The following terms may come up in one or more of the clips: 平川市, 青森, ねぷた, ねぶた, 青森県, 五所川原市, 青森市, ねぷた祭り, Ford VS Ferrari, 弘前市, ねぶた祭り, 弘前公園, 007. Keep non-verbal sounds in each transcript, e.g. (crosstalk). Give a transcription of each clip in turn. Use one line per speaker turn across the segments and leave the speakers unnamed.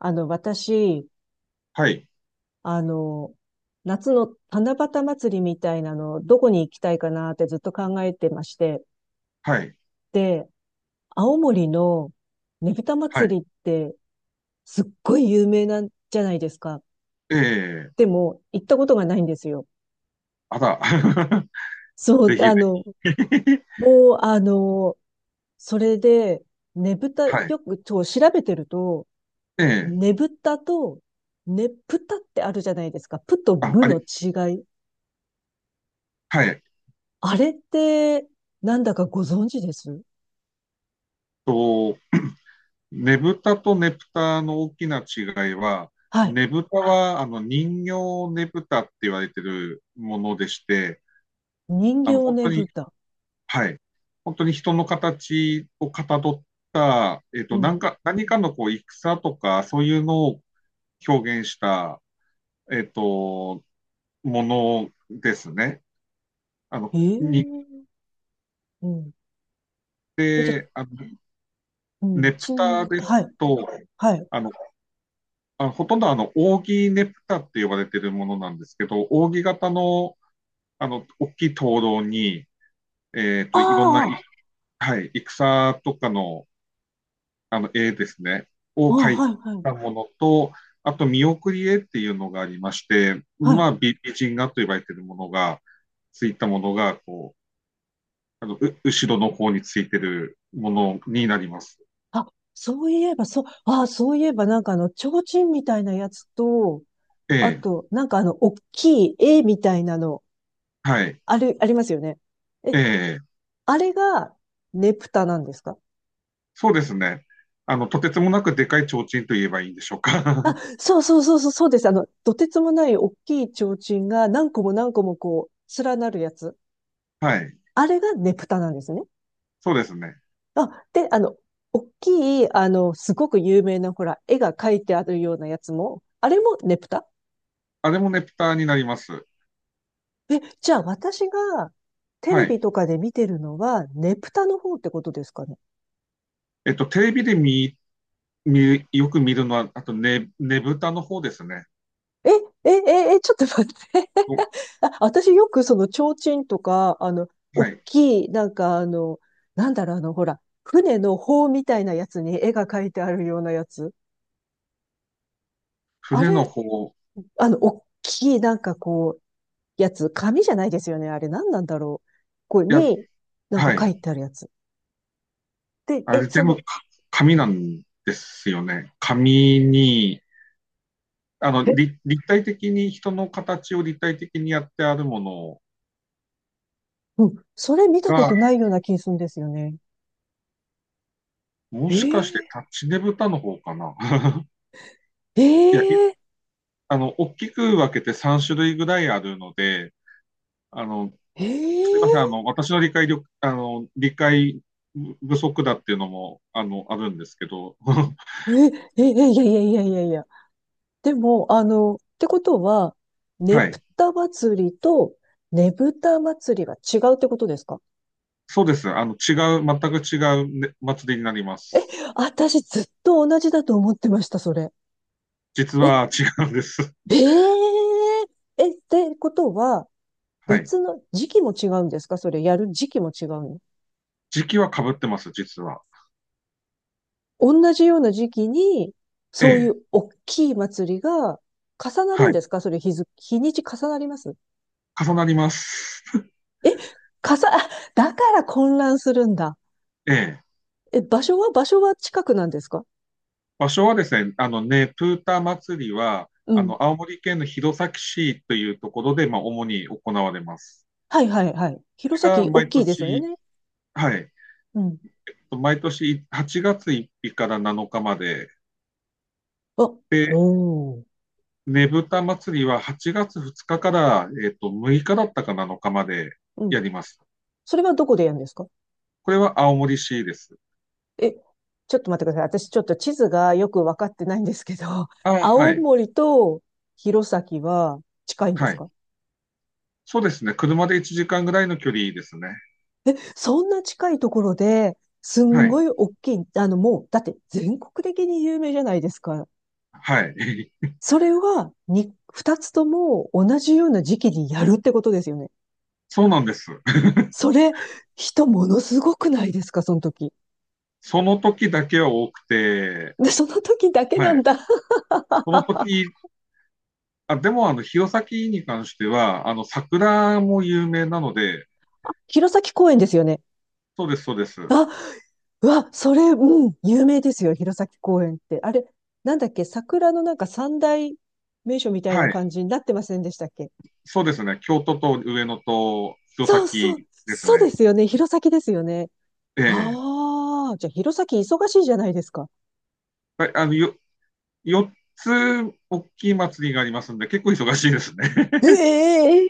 私、
はい、
あの、夏の七夕祭りみたいなの、どこに行きたいかなってずっと考えてまして。
はい、
で、青森のねぶた
はい。
祭りってすっごい有名なんじゃないですか。
ええ、
でも、行ったことがないんですよ。
あら、(laughs)
そう、
ぜひぜひ。(laughs)
もう、あの、それで、ねぶた、
はい。
よく調べてると、
ええ、
ねぶたと、ねぷたってあるじゃないですか。ぷと
あ、
ぶ
あり
の違い。
はい。
あれって、なんだかご存知です？
と、ねぶたとねぷたの大きな違いは、
はい。
ねぶたは、人形ねぶたって言われてるものでして、
人形
本
ね
当に
ぶた。
はい。本当に人の形をかたどった、
うん。
何かのこう戦とか、そういうのを表現した、えっと、ものですね。あの、に
ええ、うん。え、じゃ、
で、
う
ネ
ん、
プタです
はい、
と、
はい。
あの、ほとんど扇ネプタって呼ばれているものなんですけど、扇形の、大きい灯籠に、
あ
いろんな、
あ、
はい、戦とかの、絵ですね、
あ、
を描い
はい、はい、
たものと、あと、見送り絵っていうのがありまして、
は
ま
い。
あ、美人画と呼ばれているものが、ついたものが、こう、後ろの方についてるものになります。
あ、そういえば、そう、ああ、そういえば、なんか提灯みたいなやつと、
え
あ
え、
と、なんか大きい絵みたいなの、
はい、
あれ、ありますよね。え、
ええ。
あれが、ねぷたなんですか？
そうですね。とてつもなくでかい提灯と言えばいいんでしょうか。
あ、
(laughs)
そうそうそうそう、そうです。とてつもない大きい提灯が何個も何個もこう、連なるやつ。
はい。
あれがねぷたなんですね。
そうですね。
あ、で、大きい、すごく有名な、ほら、絵が描いてあるようなやつも、あれもねぷた？
あれもねぷたになります。
え、じゃあ私がテ
は
レビ
い。
とかで見てるのは、ねぷたの方ってことですかね。
テレビでよく見るのは、あとね、ねぶたの方ですね。
え、え、え、え、ちょっと待って。
お
あ、私よくその提灯とか、
は
大
い。
きい、なんかなんだろう、ほら、船の帆みたいなやつに絵が描いてあるようなやつ。あ
船
れ、
の方。
大きい、なんかこう、やつ、紙じゃないですよね。あれ、なんなんだろう。ここ
いや、
に、なんか
は
書
い。
いてあるやつ。で、
あ
え、
れ
そ
全部
の、
か紙なんですよね。紙に、
え、
立体的に人の形を立体的にやってあるもの
うん、それ見たこ
が、
とないような気するんですよね。
もしかして
え
タッチねぶたの方かな。(laughs)
え
いや、
え
大きく分けて3種類ぐらいあるので、あの、
ー、え
すいません、
ー、
私の理解力、あの、理解不足だっていうのも、あるんですけど、(laughs)
えー、え、え、いやいやいやいやいや。でも、ってことは、ね
は
ぷ
い。
た祭りとねぶた祭りが違うってことですか？
そうです。違う、全く違う、ね、祭りになります。
私ずっと同じだと思ってました、それ。
実
え、
は違うんです。
えー、え、ってことは、
(laughs) はい。
別の時期も違うんですか？それ、やる時期も違うの？
時期は被ってます、実は。
同じような時期に、
え
そうい
え。
う大きい祭りが重なる
は
んで
い。
すか？それ、日付、日にち重なります？
重なります。(laughs)
え、重、(laughs) あ、だから混乱するんだ。
ええ。
え、場所は近くなんですか？
場所はですね、あのね、プーター祭りは、
うん。
青森県の弘前市というところで、まあ、主に行われます。
はいはいはい。
れ
弘
が
前、大
毎
きいですよ
年、
ね。
はい、
うん。
毎年8月1日から7日まで、
あ、
で、
おお。
ねぶた祭りは8月2日から、6日だったか7日まで
うん。
やります。
それはどこでやるんですか？
これは青森市です。
え、ちょっと待ってください。私ちょっと地図がよくわかってないんですけど、(laughs)
ああ、は
青
い、
森と弘前は近いんで
は
す
い。
か？
そうですね。車で1時間ぐらいの距離ですね。
そんな近いところで、す
は
んご
い、
い大きい、もう、だって全国的に有名じゃないですか。
はい。
それは、二つとも同じような時期にやるってことですよね。
(laughs) そうなんです。
それ、人ものすごくないですか、その時。
その時だけは多くて、
で、その時だけな
は
ん
い。
だ。
その時、あ、でも、弘前に関しては、桜も有名なので、
(laughs) 弘前公園ですよね。
そうです、そうです。
あ、うわ、それ、うん、有名ですよ、弘前公園って。あれ、なんだっけ、桜のなんか三大名所みたいな
はい。
感じになってませんでしたっけ？
そうですね。京都と上野と弘
そう
前
そう、
です
そうで
ね。
すよね、弘前ですよね。
ええ、
ああ、じゃあ弘前忙しいじゃないですか。
はい、4つ大きい祭りがありますんで、結構忙しいですね。
えええ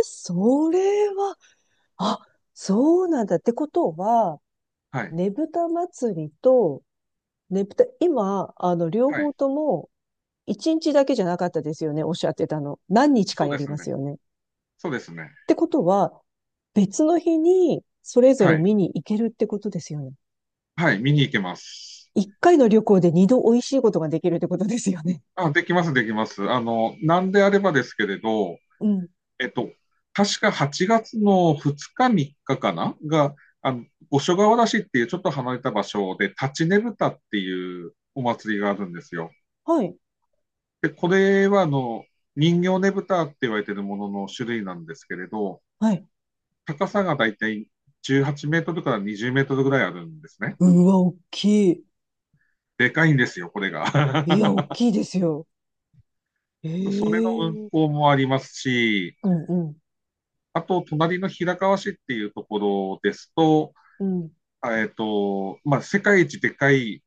え、それは、あ、そうなんだ。ってことは、
(laughs) はい。
ねぶた祭りと、ねぶた、今、両
はい。
方とも、一日だけじゃなかったですよね、おっしゃってたの。何日か
そう
や
で
り
す
ま
ね。
すよね。っ
そうですね。
てことは、別の日にそれぞ
は
れ
い。
見に行けるってことですよね。
はい。見に行けます。
一回の旅行で二度美味しいことができるってことですよね。
あ、できます、できます。なんであればですけれど、
うん。
えっと、確か8月の2日、3日かかなが、あの、五所川原市っていうちょっと離れた場所で、立ちねぶたっていうお祭りがあるんですよ。
はい。
で、これは人形ねぶたって言われているものの種類なんですけれど、
はい。
高さがだいたい18メートルから20メートルぐらいあるんですね。
うわ、大きい。
でかいんですよ、これが。
いや、
(laughs)
大きいですよ。
そ
え
れの運
え、
行もありますし、
うんうん。
あと、隣の平川市っていうところですと、
うん。
まあ、世界一でかい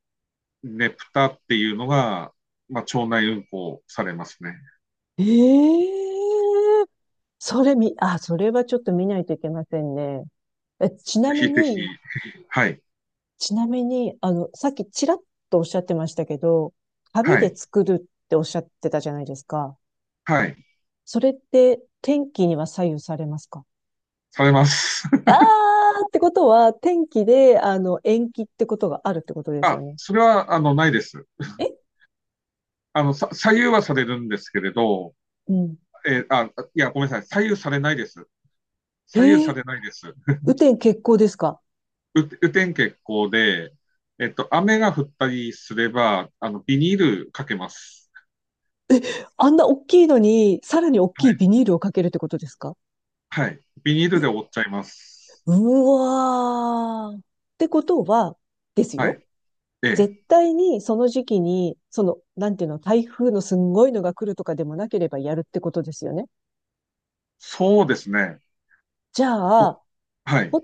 ねぷたっていうのが、まあ、町内運行されますね。
ええ、それみ、あ、それはちょっと見ないといけませんね。え、ち
ぜ
な
ひ
み
ぜひ、
に、
はい、
さっきちらっとおっしゃってましたけど、紙
は
で
い、
作るっておっしゃってたじゃないですか。
はい、
それって天気には左右されますか？
されます。
あーってことは、天気で、延期ってことがあるってこと
(laughs)
ですよ
あ、
ね。
それは、ないです。
え、
左右はされるんですけれど、
うん。
えーあ、いや、ごめんなさい。左右されないです。
え
左右さ
ー、
れないです。
雨天決行ですか？
雨天決行で、雨が降ったりすれば、ビニールかけます。
あんな大きいのに、さらに大き
は
い
い。
ビニールをかけるってことですか？
はい。ビニールで
い
覆っちゃいます。
うわー。ってことは、です
はい。
よ。
ええ。
絶対にその時期に、その、なんていうの、台風のすんごいのが来るとかでもなければやるってことですよね。
そうですね。
じゃ
と、
あ、
はい。
ホ、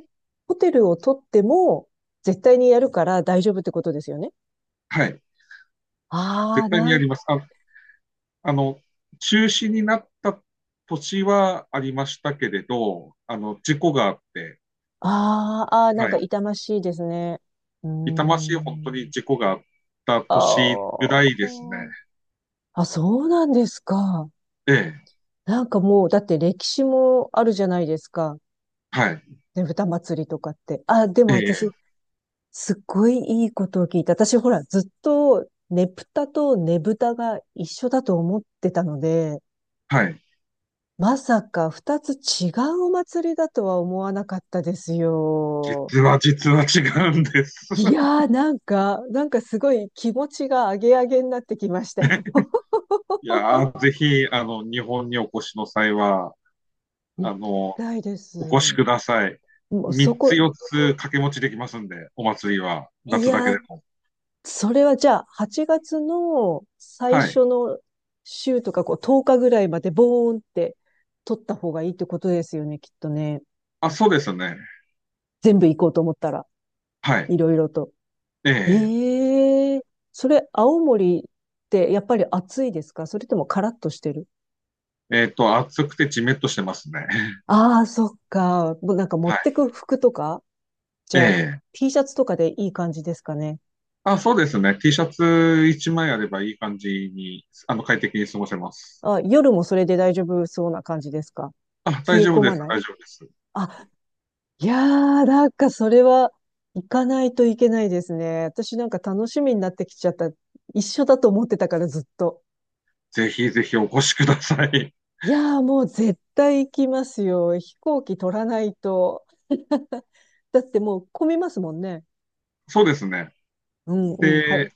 ホテルを取っても、絶対にやるから大丈夫ってことですよね。
はい。
あ
絶
あ、
対にやります。あの、中止になった年はありましたけれど、事故があって、
あーあー、なん
は
か
い。
痛ましいですね。うー
痛ましい本当に
ん。
事故があった
あ
年ぐらいですね。
ー、あ、そうなんですか。
ええ、
なんかもう、だって歴史もあるじゃないですか。
はい、
ねぶた祭りとかって。あ、でも
ええ、
私、すっごいいいことを聞いた。私、ほら、ずっと、ねぷたとねぶたが一緒だと思ってたので、
はい。
まさか二つ違うお祭りだとは思わなかったですよ。
実は違うんです。
い
(laughs)
やー、なんかすごい気持ちがアゲアゲになってきましたよ。(laughs)
いやー、ぜひ、日本にお越しの際は、
行
あ
き
の、
たいです。
お越しください。
もうそ
3つ
こ、
4つ掛け持ちできますんで、お祭りは、
い
夏だけ
や
で
ー、
も。
それはじゃあ、8月の最
はい。
初の週とか、こう、10日ぐらいまでボーンって取った方がいいってことですよね、きっとね。
あ、そうですね。
全部行こうと思ったら、
はい。
いろいろと。
ええ。
ええー、それ、青森ってやっぱり暑いですか？それともカラッとしてる？
暑くてじめっとしてますね。(laughs)
ああー、そっか。もうなんか持っ
は
て
い。
く服とかじ
え
ゃあ、
え。
T シャツとかでいい感じですかね。
あ、そうですね。T シャツ一枚あればいい感じに、快適に過ごせます。
あ、夜もそれで大丈夫そうな感じですか？
あ、
冷
大
え
丈夫
込
で
ま
す。
ない？
大丈夫です。
あ、いやー、なんかそれは行かないといけないですね。私なんか楽しみになってきちゃった。一緒だと思ってたからずっと。
ぜひぜひお越しください。
いやーもう絶対行きますよ。飛行機取らないと。(laughs) だってもう混みますもんね。
(laughs) そうですね。
うんうん、はい。
で、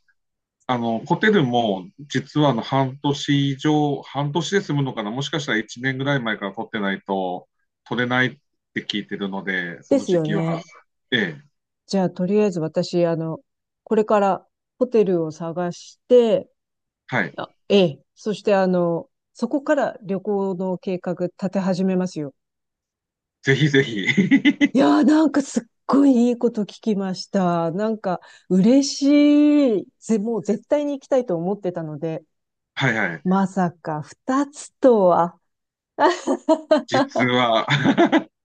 ホテルも、実は半年以上、半年で済むのかな。もしかしたら1年ぐらい前から取ってないと、取れないって聞いてるので、そ
で
の
す
時
よ
期は。
ね。
ええ、
じゃあ、とりあえず私、これからホテルを探して、
はい。
あ、ええ、そしてそこから旅行の計画立て始めますよ。
ぜひぜひ。
い
(laughs)
やーなんかすっごいいいこと聞きました。なんか嬉しい。もう絶対に行きたいと思ってたので、
はいはい。
まさか二つとは。(laughs)
実は、(laughs)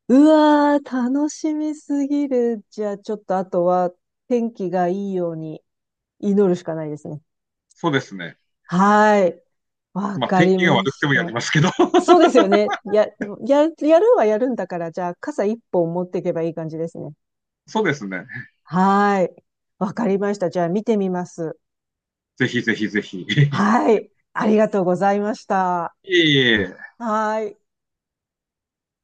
うわー、楽しみすぎる。じゃあ、ちょっとあとは天気がいいように祈るしかないですね。
そうですね。
はーい。わ
まあ、
か
天
り
気が
ま
悪くて
し
もや
た。
りますけど
そ
(laughs)
うですよね。やるはやるんだから、じゃあ傘一本持っていけばいい感じですね。
そうですね。
はーい。わかりました。じゃあ見てみます。
ぜひぜひぜひ。(laughs)
はい。ありがとうございました。
いえいえ。
はーい。